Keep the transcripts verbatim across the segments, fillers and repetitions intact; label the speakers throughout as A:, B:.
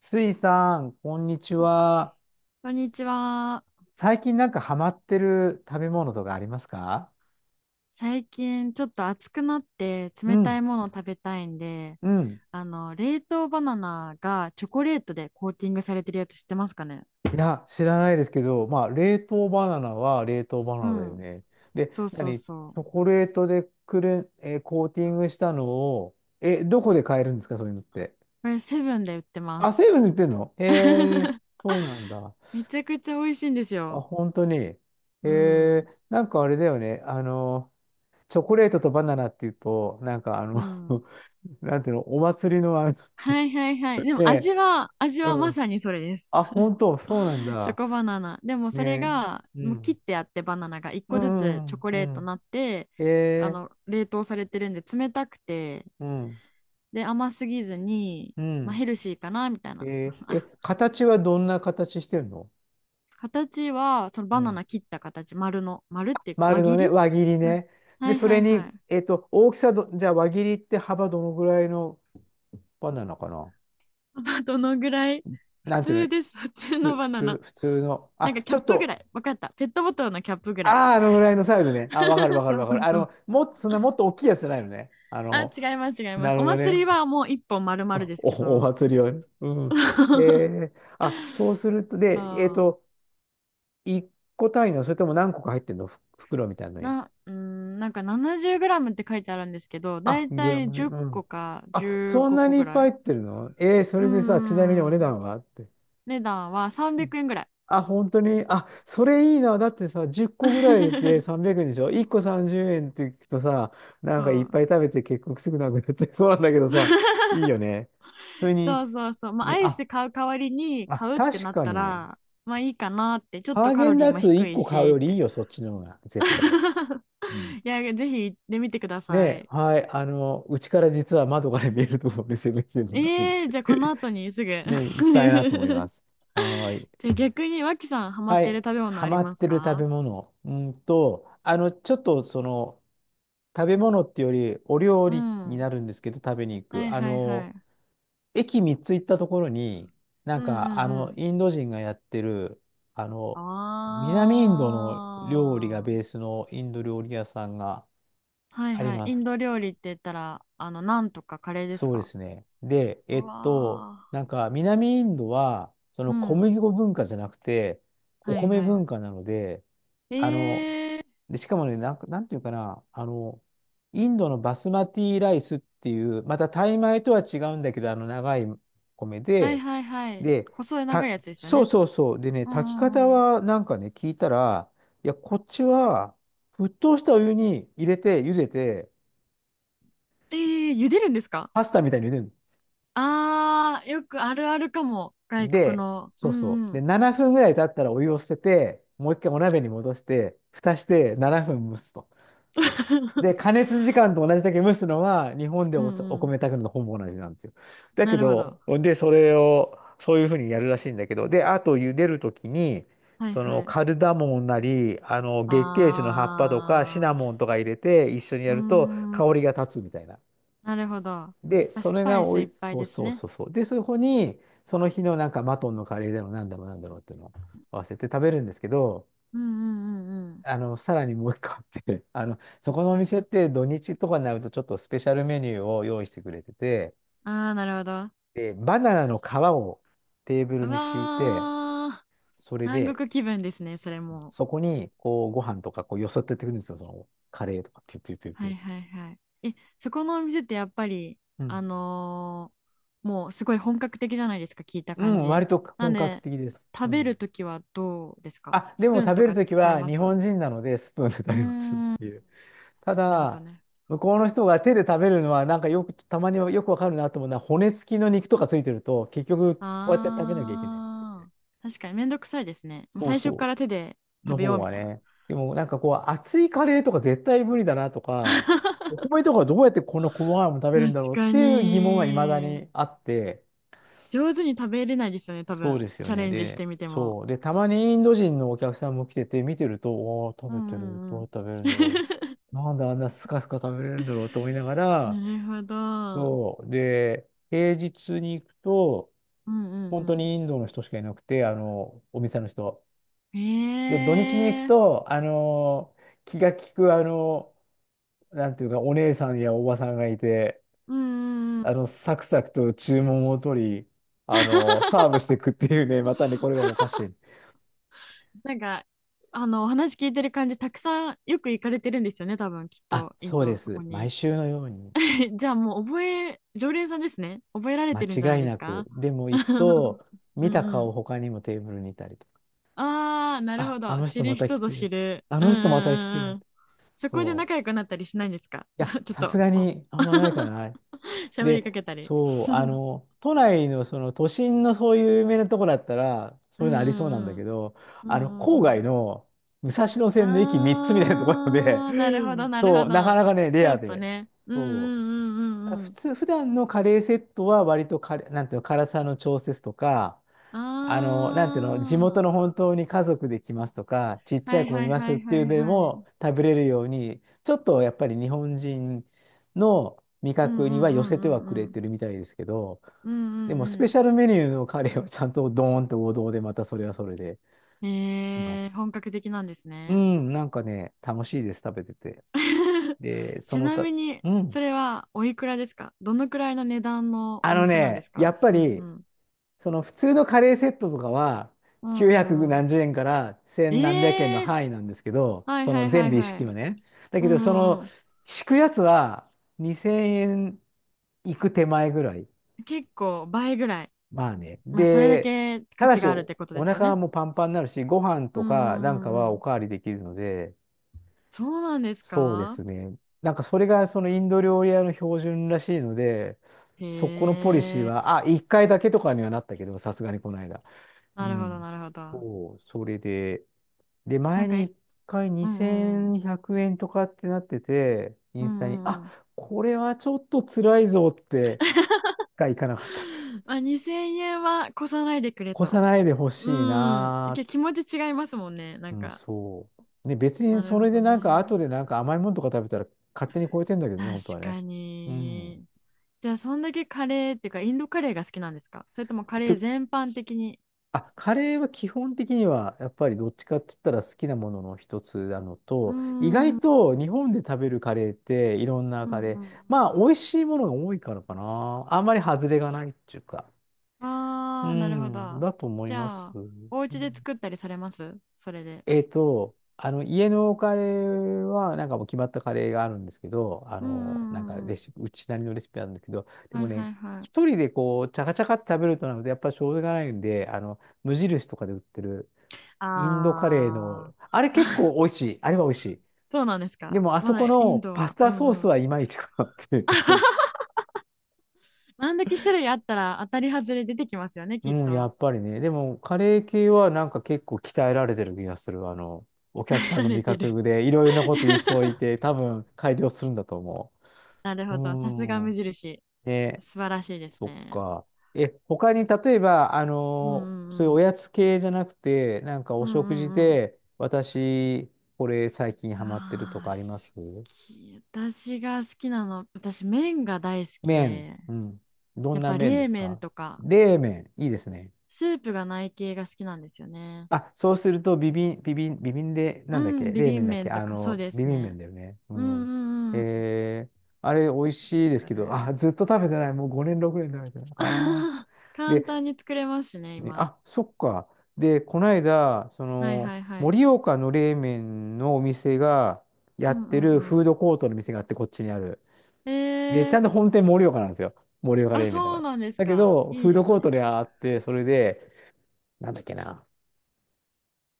A: スイさん、こんにちは。
B: こんにちは。
A: 最近なんかハマってる食べ物とかありますか？
B: 最近ちょっと暑くなって
A: う
B: 冷た
A: ん、
B: いものを食べたいんで、
A: うん。
B: あの、冷凍バナナがチョコレートでコーティングされてるやつ知ってますかね？
A: いや、知らないですけど、まあ、冷凍バナナは冷凍バ
B: う
A: ナナだよ
B: ん。
A: ね。で、
B: そうそう
A: 何チ
B: そう。
A: ョコレートでくるん、えーコーティングしたのを、え、どこで買えるんですかそういうのって？
B: これセブンで売ってま
A: あ、
B: す。
A: セブンで売ってんの？へえ、そうなんだ。
B: めちゃくちゃ美味しいんです
A: あ、
B: よ。
A: 本当に。へ
B: う
A: え、
B: ん。
A: なんかあれだよね。あの、チョコレートとバナナっていうと、なんかあ
B: う
A: の
B: ん。
A: なんていうの、お祭りのあの、
B: はいはいはい。でも
A: ええ、
B: 味は、味
A: う
B: はま
A: ん。
B: さにそれです。
A: あ、本当、そうなん
B: チョ
A: だ。
B: コバナナ。でもそれ
A: ね。
B: が、
A: う
B: もう切っ
A: ん。
B: てあってバナナが一
A: う
B: 個ずつ
A: ん、
B: チョコ
A: う
B: レー
A: ん、う
B: トに
A: ん。
B: なって、
A: え
B: あ
A: え、
B: の、冷凍されてるんで冷たくて、
A: うん、
B: で、甘すぎずに、
A: う
B: まあ、
A: ん。
B: ヘルシーかな、みたい
A: え
B: な。
A: え、え、
B: あ、
A: 形はどんな形してるの？
B: 形は、その
A: う
B: バナ
A: ん。
B: ナ切った形、丸の、丸っていうか輪
A: 丸の
B: 切
A: ね、
B: り。
A: 輪切り
B: うん。
A: ね。
B: は
A: で、
B: い
A: そ
B: は
A: れ
B: いは
A: に、
B: い。
A: えっと、大きさど、じゃあ輪切りって幅どのぐらいの輪なのかな？
B: まあどのぐらい、普
A: なんていうの？
B: 通です、普
A: 普
B: 通
A: 通、
B: の
A: 普
B: バナ
A: 通、
B: ナ。
A: 普通の。
B: なんか
A: あ、
B: キ
A: ちょ
B: ャッ
A: っ
B: プぐら
A: と、
B: い。わかった。ペットボトルのキャップぐらい。
A: ああ、あのぐらいのサイズね。あ、わかる わかる
B: そう
A: わか
B: そ
A: る。
B: う
A: あ
B: そう。
A: の、もっと、そんなもっと大きいやつじゃないのね。あ
B: あ、
A: の、
B: 違います違います。
A: なる
B: お
A: ほど
B: 祭り
A: ね。
B: はもう一本丸 々
A: あ
B: ですけ
A: お、お
B: ど。
A: 祭りをね。うん。え え、あ、そうすると、で、えっ
B: そう
A: と、いっこ単位の、それとも何個か入ってるのふ袋みたいなのに？
B: な、うーん、なんかなな ゼロムって書いてあるんですけど、だ
A: あ、
B: い
A: グ
B: た
A: ラ
B: い
A: ムね。
B: 10
A: う
B: 個
A: ん。
B: か
A: あ、
B: 15
A: そんな
B: 個
A: にい
B: ぐ
A: っ
B: ら
A: ぱ
B: い。
A: い入ってるの？ええ、そ
B: うー
A: れでさ、ちなみにお値
B: ん。
A: 段はって。
B: 値段は
A: う
B: 300
A: ん、
B: 円ぐらい。
A: あ、本当に。あ、それいいな。だってさ、じゅっこぐらいで さんびゃくえんでしょ？ いっ 個さんじゅうえんって聞くとさ、な
B: そ
A: んかいっ
B: う。
A: ぱい食べて結局すぐなくなっちゃいそうなんだけどさ、いいよね。それに、
B: そうそうそう。まあ、ア
A: ね、
B: イ
A: あ、
B: ス買う代わりに
A: あ、
B: 買うって
A: 確
B: なっ
A: か
B: た
A: に。
B: ら、まあいいかなって、ちょっ
A: ハ
B: と
A: ー
B: カ
A: ゲ
B: ロ
A: ンダ
B: リー
A: ッ
B: も
A: ツ
B: 低
A: 1
B: い
A: 個買う
B: しっ
A: よりいい
B: て。
A: よ、そっちの方が、絶対。うん。
B: いや、ぜひ行ってみてくだ
A: ね
B: さ
A: え、
B: い。
A: はい、あの、うちから実は窓から見えるところで攻めてるのがあるんです
B: えー、
A: け
B: じゃあこの
A: ど、
B: 後にすぐ。
A: ねえ、行きたいなと思います。はーい。
B: じゃあ逆に脇さんハマっ
A: は
B: てる
A: い。
B: 食べ物
A: ハ
B: あり
A: マっ
B: ます
A: てる食べ
B: か？
A: 物。うんと、あの、ちょっとその、食べ物っていうより、お料
B: う
A: 理
B: ん。
A: に
B: は
A: なるんですけど、食べに行
B: い
A: く。あ
B: はいは
A: の、
B: い。
A: 駅みっつ行ったところに、な
B: う
A: ん
B: んう
A: か、
B: ん
A: あ
B: う
A: の、
B: ん。
A: インド人がやってる、あの、南インドの料理が
B: あー。
A: ベースのインド料理屋さんが
B: はい
A: あり
B: はい。
A: ま
B: イ
A: す。
B: ンド料理って言ったら、あの、ナンとかカレーです
A: そうで
B: か？
A: すね。で、
B: う
A: えっと、
B: わ
A: なんか南インドは、そ
B: ー、
A: の
B: う
A: 小
B: ん。
A: 麦粉文化じゃなくて、お
B: はい
A: 米
B: は
A: 文化なので、
B: い。
A: あの、
B: えー。
A: で、しかもね、なんか、なんていうかな、あの、インドのバスマティライスっていう、またタイ米とは違うんだけど、あの長い米
B: はい
A: で、
B: はいはい。
A: で、
B: 細い長い
A: た、
B: やつですよ
A: そう
B: ね。
A: そうそう。でね、
B: うん
A: 炊き方
B: うんうん。
A: はなんかね、聞いたら、いや、こっちは沸騰したお湯に入れて、茹でて、
B: えー、茹でるんですか？
A: パスタみたいに茹でるの
B: あー、よくあるあるかも。外国
A: で、
B: の。う
A: そうそ
B: ん
A: う。
B: う
A: で、
B: ん。
A: ななふんぐらい経ったらお湯を捨てて、もう一回お鍋に戻して、蓋してななふん蒸すと。で、加熱時間と同じだけ蒸すのは、日本で
B: う
A: お、
B: ん
A: お
B: うん。
A: 米炊くのとほぼ同じなんですよ。だ
B: な
A: け
B: るほど。
A: ど、で、それを、そういうふうにやるらしいんだけど、で、あと茹でるときに、
B: はい
A: その
B: はい。
A: カルダモンなり、あの月桂樹の葉っぱとかシ
B: あ
A: ナモンとか入れて一緒に
B: ー、う
A: やると
B: ーん、
A: 香りが立つみたいな。
B: なるほど。ま
A: で、
B: あ
A: そ
B: ス
A: れ
B: パ
A: が
B: イス
A: お
B: い
A: い、
B: っぱい
A: そう
B: です
A: そう
B: ね。
A: そうそう。で、そこに、その日のなんかマトンのカレーだろう、なんだろう、なんだろうっていうのを合わせて食べるんですけど、
B: うんうんうんうん。
A: あの、さらにもう一個あって、あの、そこのお店って土日とかになるとちょっとスペシャルメニューを用意してくれてて、
B: ああ、なるほど。
A: で、バナナの皮をテーブル
B: う
A: に敷いて、
B: わー、
A: それ
B: 南
A: で、
B: 国気分ですね、それも。
A: そこにこうご飯とかこうよそってってくるんですよ、そのカレーとか、ピュッピュッピュッピ
B: は
A: ュッ
B: い
A: つって。
B: はいはい。え、そこのお店ってやっぱり、
A: う
B: あ
A: ん。
B: のー、もうすごい本格的じゃないですか、聞いた
A: う
B: 感
A: ん、
B: じ。
A: 割と
B: なん
A: 本格
B: で、
A: 的です。
B: 食
A: う
B: べ
A: ん。
B: るときはどうですか？
A: あ、で
B: スプ
A: も
B: ーン
A: 食
B: と
A: べる
B: か
A: とき
B: 使い
A: は
B: ま
A: 日
B: す？う
A: 本人なのでスプーンで食
B: ー
A: べますっ
B: ん、
A: て
B: な
A: いう。た
B: るほど
A: だ、
B: ね。
A: 向こうの人が手で食べるのはなんかよく、たまにはよくわかるなと思うのは骨付きの肉とかついてると結局こうやって食べなきゃいけない。
B: あー、確かにめんどくさいですね。もう
A: そう
B: 最初か
A: そ
B: ら手で
A: う。の
B: 食べよ
A: 方
B: うみ
A: が
B: たいな。
A: ね。でもなんかこう熱いカレーとか絶対無理だなとか、お米とかどうやってこの細かいもの食べる
B: 確
A: んだろうっ
B: か
A: ていう疑問は未だ
B: に。
A: にあって、
B: 上手に食べれないですよね、多
A: そう
B: 分。
A: ですよ
B: チャ
A: ね。
B: レンジし
A: で、
B: てみても。
A: そう。で、たまにインド人のお客さんも来てて、見てると、おー、
B: う
A: 食
B: ん
A: べてる。
B: うんう
A: ど
B: ん。
A: う食べるんだろう。なんであんなスカスカ食べれるんだろうと思いなが
B: な
A: ら、
B: るほど。
A: そう。で、平日に行くと、
B: うんう
A: 本当
B: ん
A: にインドの人しかいなくて、あの、お店の人。
B: う
A: で、土日に行く
B: ん。ええ、
A: と、あの、気が利く、あの、なんていうか、お姉さんやおばさんがいて、
B: うんうんう
A: あ
B: ん。
A: の、サクサクと注文を取り、あの、サーブしていくっていうね、またね、これがもうおかしい。
B: なんか、あの、お話聞いてる感じ、たくさんよく行かれてるんですよね、多分、きっ
A: あ、
B: と、イン
A: そうで
B: ド、そこ
A: す。毎
B: に。
A: 週のように。
B: え、じゃあもう覚え、常連さんですね。覚えられてるんじゃ
A: 間
B: ない
A: 違い
B: です
A: なく。
B: か？
A: でも行く と、
B: う
A: 見
B: ん
A: た
B: う
A: 顔
B: ん。
A: 他にもテーブルにいたりとか。
B: ああ、なる
A: あ、
B: ほ
A: あ
B: ど。
A: の
B: 知
A: 人ま
B: る
A: た
B: 人
A: 来
B: ぞ
A: て
B: 知
A: る。
B: る。
A: あ
B: うん
A: の
B: うん
A: 人また来て
B: うんう
A: る。
B: ん。そこで
A: そう。
B: 仲良くなったりしないんですか？
A: い や、
B: ちょっ
A: さす
B: と、
A: が
B: お。
A: にあんまないか な。
B: 喋りか
A: で、
B: けたり。
A: そう、あの、都内のその都心のそういう有名なとこだったら、そ
B: う
A: ういうのありそうなんだ
B: んうんう
A: け
B: ん。
A: ど、
B: う
A: あの、
B: んう
A: 郊
B: んう
A: 外
B: ん。
A: の武蔵野線の駅みっつみたいなところで、
B: ああ、なるほど なる
A: そ
B: ほ
A: う、なか
B: ど。
A: なかね、レ
B: ちょ
A: ア
B: っと
A: で。
B: ね。うんう
A: そう、
B: んうんうんう
A: 普
B: ん。
A: 通、普段のカレーセットは割とカレー、なんていうの、辛さの調節とか、あの、なんていうの、地元の
B: あ
A: 本当に家族で来ますとか、ちっ
B: あ、
A: ちゃ
B: は
A: い
B: い
A: 子も
B: は
A: い
B: い
A: ま
B: は
A: すっ
B: い
A: てい
B: は
A: う
B: い
A: ので
B: は
A: も
B: い。
A: 食べれるように、ちょっとやっぱり日本人の味
B: うん
A: 覚
B: う
A: には
B: んう
A: 寄せ
B: んう
A: ては
B: ん
A: く
B: う
A: れ
B: ん。
A: てるみたいですけど、
B: うんう
A: で
B: ん
A: もス
B: う
A: ペ
B: ん。
A: シャルメニューのカレーはちゃんとドーンと王道でまたそれはそれで来ま
B: えー、
A: す。
B: 本格的なんです
A: う
B: ね。
A: ん、なんかね、楽しいです、食べてて。で、そ
B: ち
A: の
B: な
A: た、
B: みに、
A: う
B: そ
A: ん。
B: れはおいくらですか？どのくらいの値段の
A: あ
B: お
A: の
B: 店なんで
A: ね、
B: す
A: や
B: か？
A: っぱ
B: うんう
A: り
B: ん。
A: その普通のカレーセットとかは
B: う
A: きゅうひゃく
B: んうんうん。
A: 何十円から千何百円の
B: ええ、
A: 範囲なんですけど、
B: はい
A: そ
B: は
A: の
B: いは
A: 全
B: い
A: 部一
B: は
A: 式
B: い。
A: はね。だ
B: う
A: け
B: ん
A: ど、そ
B: う
A: の
B: んうん。
A: 敷くやつはにせんえんいく手前ぐらい。
B: 結構倍ぐらい。
A: まあね。
B: まあ、それだ
A: で、
B: け価
A: ただ
B: 値
A: し
B: があるっ
A: お、
B: てことで
A: お
B: すよ
A: 腹
B: ね。
A: もパンパンになるし、ご飯
B: う
A: と
B: んう
A: か
B: ん
A: な
B: う
A: んか
B: ん
A: は
B: う
A: お
B: ん。
A: かわりできるので、
B: そうなんです
A: そうで
B: か？
A: すね。なんかそれがそのインド料理屋の標準らしいので、そこの
B: へ
A: ポリシー
B: え。
A: は、あ、いっかいだけとかにはなったけど、さすがにこの間。う
B: なるほど
A: ん。
B: なるほど。
A: そう、それで、で、
B: な
A: 前
B: んか、
A: に
B: え、
A: 一回
B: うんうんうん。
A: にせんひゃくえんとかってなってて、イ
B: うん
A: ンスタに、
B: うん
A: あ、
B: うん。
A: これはちょっと辛いぞって、がいかなかった。
B: まあ、にせんえんは越さないでくれ
A: 越
B: と。
A: さないでほしい
B: うん。
A: な
B: け、気持ち違いますもんね。な
A: ー。
B: ん
A: うん、
B: か、
A: そう。ね、別に
B: なる
A: そ
B: ほ
A: れで
B: ど
A: なんか、
B: ね。
A: 後でなんか甘いものとか食べたら勝手に超えてんだけどね、
B: 確
A: 本当はね。
B: か
A: うん。
B: に。じゃあ、そんだけカレーっていうか、インドカレーが好きなんですか？それともカ
A: って、
B: レー全般的に。
A: あ、カレーは基本的には、やっぱりどっちかって言ったら好きなものの一つなの
B: うー
A: と、意
B: ん、う
A: 外
B: ん
A: と日本で食べるカレーっていろんな
B: う
A: カレー、
B: ん、
A: まあ美味しいものが多いからかな。あんまり外れがないっていうか。う
B: ああ、なるほ
A: ん、
B: ど。
A: だと思い
B: じ
A: ま
B: ゃ
A: す。
B: あ、
A: うん
B: お家で作ったりされます？それで。
A: えっと、あの、家のカレーは、なんかもう決まったカレーがあるんですけど、あ
B: うんう
A: の、なん
B: ん
A: か
B: うんうん。
A: レシピ、うちなりのレシピなんだけど、で
B: は
A: も
B: いは
A: ね、
B: いは
A: 一
B: い。
A: 人でこう、チャカチャカって食べるとなので、やっぱしょうがないんで、あの、無印とかで売ってる、インドカレー
B: あ
A: の、
B: あ、
A: あれ結構美味しい。あれは美味し
B: そうなんです
A: い。で
B: か。
A: も、あ
B: ま
A: そこ
B: だイン
A: の
B: ド
A: パス
B: は。う
A: タソー
B: んう
A: ス
B: ん。
A: はいまいちかなっていう。
B: あんだけ種類あったら当たり外れ出てきますよね、きっ
A: うん、や
B: と。
A: っぱりね。でも、カレー系はなんか結構鍛えられてる気がする。あの、お 客さんの
B: 慣れ
A: 味
B: てる。
A: 覚でいろいろなこと言う 人いて、多分改良するんだと思
B: なる
A: う。
B: ほど。さすが
A: う
B: 無
A: ん。
B: 印。
A: ね、
B: 素晴らしいです
A: そっ
B: ね。
A: か。え、他に例えば、あ
B: うんう
A: の、そうい
B: んう
A: うお
B: ん。
A: やつ系じゃなくて、なんかお
B: う
A: 食
B: ん
A: 事
B: うん
A: で、私、これ最近
B: うん。
A: ハマってると
B: あ
A: か
B: あ、
A: あ
B: 好
A: ります？
B: き。私が好きなの、私麺が大好き
A: 麺。
B: で、
A: うん。どん
B: やっ
A: な
B: ぱ
A: 麺で
B: 冷
A: す
B: 麺
A: か？
B: とか、
A: 冷麺。いいですね。
B: スープがない系が好きなんですよね。
A: あ、そうすると、ビビン、ビビン、ビビンで、
B: う
A: なんだっけ？
B: ん、ビ
A: 冷
B: ビ
A: 麺
B: ン
A: だっけ？
B: 麺と
A: あ
B: か、そう
A: の、
B: で
A: ビ
B: す
A: ビン麺
B: ね。
A: だよね。う
B: うんう
A: ん。
B: んうんうん。
A: えー、あれ、美味
B: 何で
A: しい
B: す
A: です
B: か
A: けど、あ、
B: ね。
A: ずっと食べてない。もうごねん、ろくねん食べてない。あ ー。で、
B: 簡単に作れますしね、
A: ね
B: 今。
A: あ、そっか。で、この間、そ
B: はい
A: の、
B: はいはい。
A: 盛岡の冷麺のお店がや
B: うん
A: っ
B: う
A: てる
B: ん
A: フ
B: う
A: ー
B: ん。
A: ドコートの店があって、こっちにある。
B: え
A: で、ちゃん
B: ー、
A: と本店盛岡なんですよ。盛岡
B: あ、
A: 冷麺だか
B: そう
A: ら。
B: なんです
A: だけ
B: か。
A: ど、
B: い
A: フ
B: い
A: ー
B: で
A: ド
B: す
A: コート
B: ね。
A: であって、それで、なんだっけな、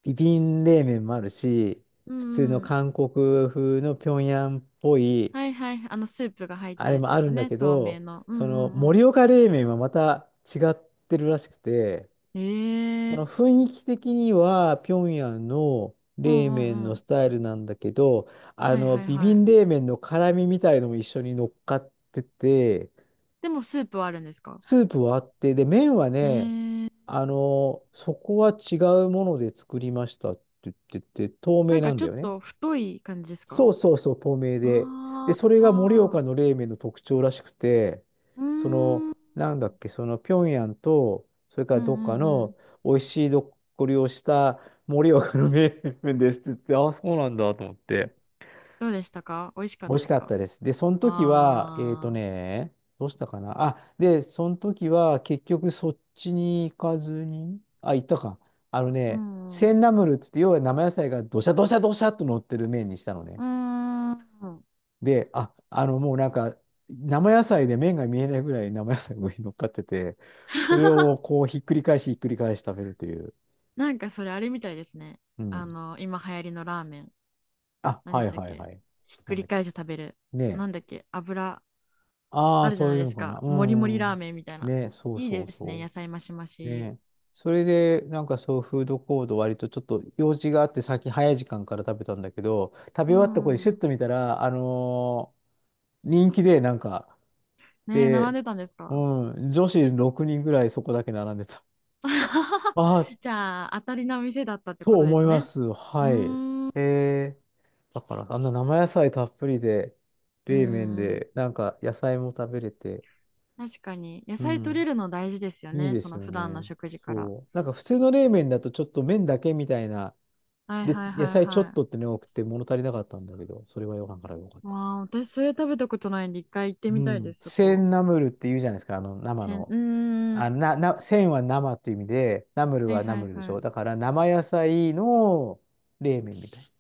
A: ビビン冷麺もあるし、
B: うん
A: 普通の
B: うん、
A: 韓国風の平壌っぽい、
B: はいはい。あの、スープが入っ
A: あ
B: た
A: れ
B: や
A: も
B: つで
A: あ
B: す
A: る
B: よ
A: んだ
B: ね。
A: け
B: 透明
A: ど、
B: の。う
A: その
B: んうん
A: 盛岡冷麺はまた違ってるらしくて、
B: う
A: その
B: ん。ええ、
A: 雰囲気的には平壌の
B: う
A: 冷
B: んう
A: 麺
B: んう
A: のス
B: ん。
A: タイルなんだけど、あ
B: はい
A: の、
B: はい
A: ビ
B: は
A: ビン
B: い。
A: 冷麺の辛みみたいのも一緒に乗っかってて、
B: でも、スープはあるんですか？
A: スープはあって、で、麺はね、
B: ええ、
A: あの、そこは違うもので作りましたって言ってて、透
B: な
A: 明
B: んか
A: なん
B: ち
A: だ
B: ょっ
A: よね。
B: と太い感じです
A: そ
B: か？
A: うそうそう、透明で。で、
B: あ
A: それが盛
B: あ
A: 岡の冷麺の特徴らしくて、
B: ー。う
A: その、
B: ーん。
A: なんだっけ、その、平壌と、それか
B: う
A: ら
B: ん
A: どっか
B: うんう
A: の
B: ん。
A: 美味しいどっこりをした盛岡の冷麺ですって言って、ああ、そうなんだと思って。
B: どうでしたか？美味しかっ
A: 美
B: た
A: 味し
B: です
A: かっ
B: か？
A: たです。で、その時は、えっと
B: ああー。
A: ね、どうしたかな。あ、で、その時は結局そっちに行かずに、あ、行ったか。あの
B: う
A: ね、
B: んう
A: セ
B: ん。
A: ンナムルって言って、要は生野菜がどしゃどしゃどしゃっと乗ってる麺にしたのね。
B: うーん。
A: で、あ、あの、もうなんか、生野菜で麺が見えないぐらい生野菜が上に乗っかってて、それを こうひっくり返しひっくり返し食べるという。
B: なんかそれあれみたいですね。
A: う
B: あ
A: ん。
B: の、今流行りのラーメン。
A: あ、
B: 何で
A: は
B: し
A: い
B: たっ
A: はい
B: け、
A: はい。
B: ひっ
A: な
B: く
A: ん
B: り
A: だっけ。
B: 返して食べる。
A: ねえ。
B: なんだっけ油、
A: ああ、
B: あるじゃ
A: そ
B: な
A: う
B: い
A: いう
B: で
A: の
B: す
A: かな。
B: か。
A: う
B: もりもりラー
A: ん。
B: メンみたいな。
A: ねえ、そう
B: いい
A: そう
B: ですね。
A: そ
B: 野菜増し増
A: う。
B: し。
A: ねえ。それで、なんかそう、フードコート割とちょっと用事があって、先早い時間から食べたんだけど、食べ
B: う
A: 終わった子にシュッ
B: ん。
A: と見たら、あのー人気で、なんか、
B: ねえ、並ん
A: で、
B: でたんです
A: う
B: か？
A: ん、女子ろくにんぐらいそこだけ並んでた。ああ、
B: じゃあ、当たりな店だったって
A: と
B: ことで
A: 思い
B: す
A: ま
B: ね。
A: す。
B: うー
A: はい。
B: ん。うん
A: えー、だから、あんな生野菜たっぷりで、
B: う
A: 冷麺
B: ん。
A: で、なんか野菜も食べれて、
B: 確かに。野
A: う
B: 菜取れ
A: ん、
B: るの大事ですよ
A: いい
B: ね。
A: で
B: そ
A: す
B: の
A: よ
B: 普段の
A: ね。
B: 食事から。
A: そう。なんか普通の冷麺だとちょっと麺だけみたいな、
B: はい
A: で、
B: はい
A: 野
B: はい
A: 菜ちょっ
B: は
A: とってね、多くて物足りなかったんだけど、それはご飯から良かっ
B: い。わ
A: たで
B: あ、
A: す。
B: 私それ食べたことないんで、一回行って
A: う
B: みたいで
A: ん。
B: す、そ
A: セ
B: こ。
A: ンナムルって言うじゃないですか、あの、生
B: せん、う
A: の。
B: ー
A: あ、
B: ん。
A: な、な、センは生っていう意味で、ナムル
B: はい
A: はナ
B: はい
A: ムルでし
B: は
A: ょ。だ
B: い。
A: から生野菜の冷麺みたい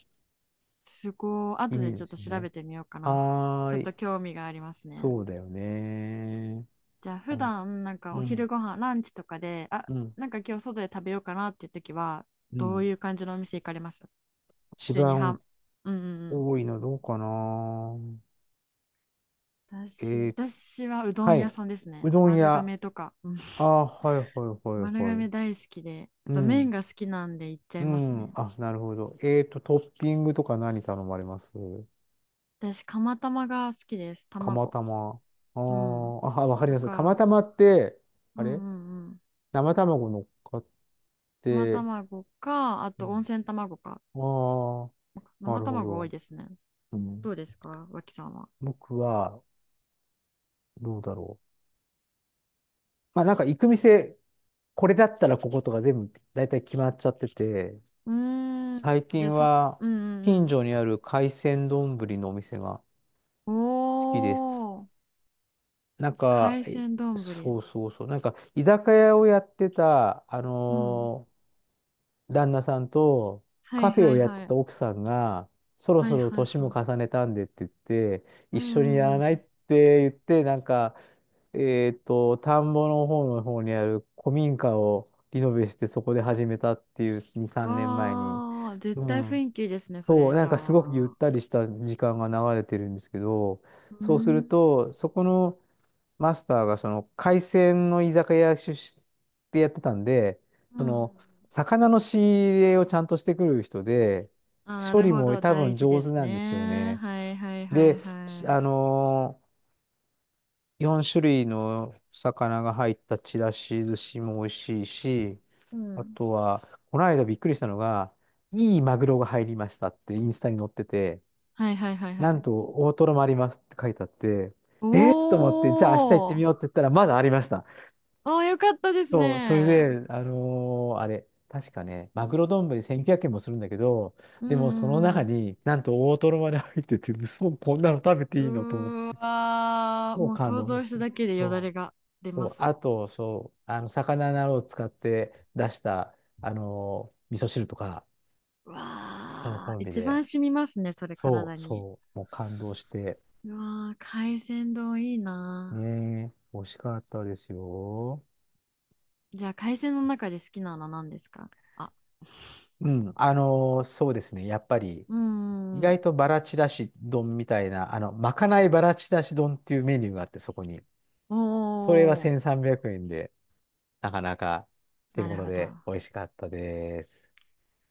B: すごい。
A: な意
B: 後
A: 味
B: でち
A: で
B: ょっ
A: す
B: と
A: よ
B: 調べ
A: ね。
B: てみようかな。
A: は
B: ちょっ
A: ーい。
B: と興味がありますね。
A: そうだよね。
B: じゃあ
A: う
B: 普
A: ん、
B: 段なんか
A: う
B: お昼
A: ん、
B: ご飯ランチとかで、あ、
A: うん。
B: なんか今日外で食べようかなっていう時は、
A: う
B: どう
A: ん。
B: いう感じのお店行かれます？普
A: 一
B: 通には
A: 番
B: ん、うんうん
A: 多いのどうかな。
B: うん。
A: え
B: 私、
A: ー
B: 私はうど
A: は
B: ん屋
A: い。
B: さんですね。
A: うどん
B: 丸
A: 屋。
B: 亀とか。うん。
A: あー、はいはい
B: 丸
A: はいはい。
B: 亀大好きで、や
A: う
B: っぱ麺
A: ん。
B: が好きなんで行っちゃ
A: う
B: います
A: ん。
B: ね。
A: あ、なるほど。えっと、トッピングとか何頼まれます？
B: 私、釜玉が好きです。
A: 釜
B: 卵。
A: 玉。あー
B: うん。
A: あ、わかり
B: と
A: ます。釜
B: か、
A: 玉って、あ
B: うんう
A: れ
B: んうん。
A: 生卵乗っかっ
B: 生
A: て、
B: 卵か、あ
A: う
B: と温
A: ん、
B: 泉卵か。
A: ああ、な
B: 生
A: るほ
B: 卵多い
A: ど。
B: ですね。
A: う
B: ど
A: ん、
B: うですか、脇さんは。
A: 僕は、どうだろう。まあ、なんか行く店、これだったらこことか全部、だいたい決まっちゃってて、
B: うーん。
A: 最
B: じゃあ、
A: 近
B: そ、
A: は、
B: うんう
A: 近
B: ん
A: 所にある海鮮丼のお店が好
B: うん。
A: きです。
B: おー。
A: なんか、
B: 海
A: え
B: 鮮丼。ぶり、
A: そうそうそう、なんか、居酒屋をやってた、あ
B: うん。
A: のー旦那さんと、
B: は
A: カ
B: い
A: フェ
B: は
A: を
B: い
A: やって
B: は
A: た
B: い。
A: 奥さんが、そろ
B: は
A: そ
B: い
A: ろ
B: はい
A: 年も
B: はい。
A: 重ねたんでって言って、
B: う
A: 一緒にや
B: ん
A: ら
B: う
A: ないっ
B: ん
A: て言って、なんか、えっと、田んぼの方の方にある古民家をリノベして、そこで始めたっていう、に、
B: う
A: さんねんまえに。
B: ん。わー。絶
A: う
B: 対雰
A: ん。
B: 囲気いいですね、そ
A: そう、
B: れ。
A: な
B: じ
A: ん
B: ゃ
A: かすごくゆっ
B: あ。
A: たりした時間が流れてるんですけど、
B: うー
A: そうす
B: ん。
A: ると、そこの、マスターがその海鮮の居酒屋出身でやってたんで、
B: う
A: そ
B: ん。
A: の魚の仕入れをちゃんとしてくる人で、
B: あ、な
A: 処
B: る
A: 理
B: ほ
A: も
B: ど。
A: 多
B: 大
A: 分
B: 事
A: 上
B: で
A: 手
B: す
A: なんですよ
B: ね。
A: ね。
B: はいはいは
A: で、
B: い
A: し
B: は
A: あ
B: い。
A: のーよん種類の魚が入ったちらし寿司も美味しいし、
B: う
A: あ
B: ん。
A: とは、この間びっくりしたのが、いいマグロが入りましたってインスタに載ってて、
B: はいはいはいは
A: なん
B: い。
A: と大トロもありますって書いてあって、
B: お
A: えー、と思って、じゃあ明日行ってみ
B: ー。
A: ようって言ったら、まだありました。
B: あー、よかったです
A: そう、それ
B: ね。
A: で、あのーあれ、確かね、マグロ丼せんきゅうひゃくえんもするんだけど、
B: うんう
A: でもその
B: んう
A: 中
B: ん。
A: になんと大トロまで入ってて、そこんなの食べて
B: う
A: いいのと思っ
B: ー
A: て、
B: わー、
A: もう
B: もう
A: 感
B: 想
A: 動で
B: 像
A: す
B: した
A: ね。
B: だけでよだ
A: そ
B: れが出
A: う、そ
B: ま
A: う、
B: す。
A: あと、そう、あの、魚などを使って出した、あのー味噌汁とか、
B: う
A: その
B: わ
A: コン
B: ー、
A: ビ
B: 一
A: で、
B: 番染みますね、それ
A: そ
B: 体
A: う、
B: に。
A: そう、もう感動して、
B: うわー、海鮮丼いいな
A: ねえ、美味しかったですよ。
B: ー。じゃあ、海鮮の中で好きなの何ですか？あ、
A: うん、あのーそうですね、やっぱり、
B: うー
A: 意外
B: ん。
A: とバラちらし丼みたいな、あの、まかないバラちらし丼っていうメニューがあって、そこに。
B: お
A: それは
B: ー、
A: せんさんびゃくえんで、なかなか手
B: なる
A: 頃
B: ほど。
A: で美味しかったです。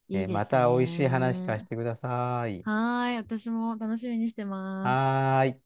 B: い
A: え
B: い
A: ー
B: で
A: ま
B: す
A: た美味しい話聞かせ
B: ね。
A: てください。
B: はーい、私も楽しみにしてます。
A: はーい。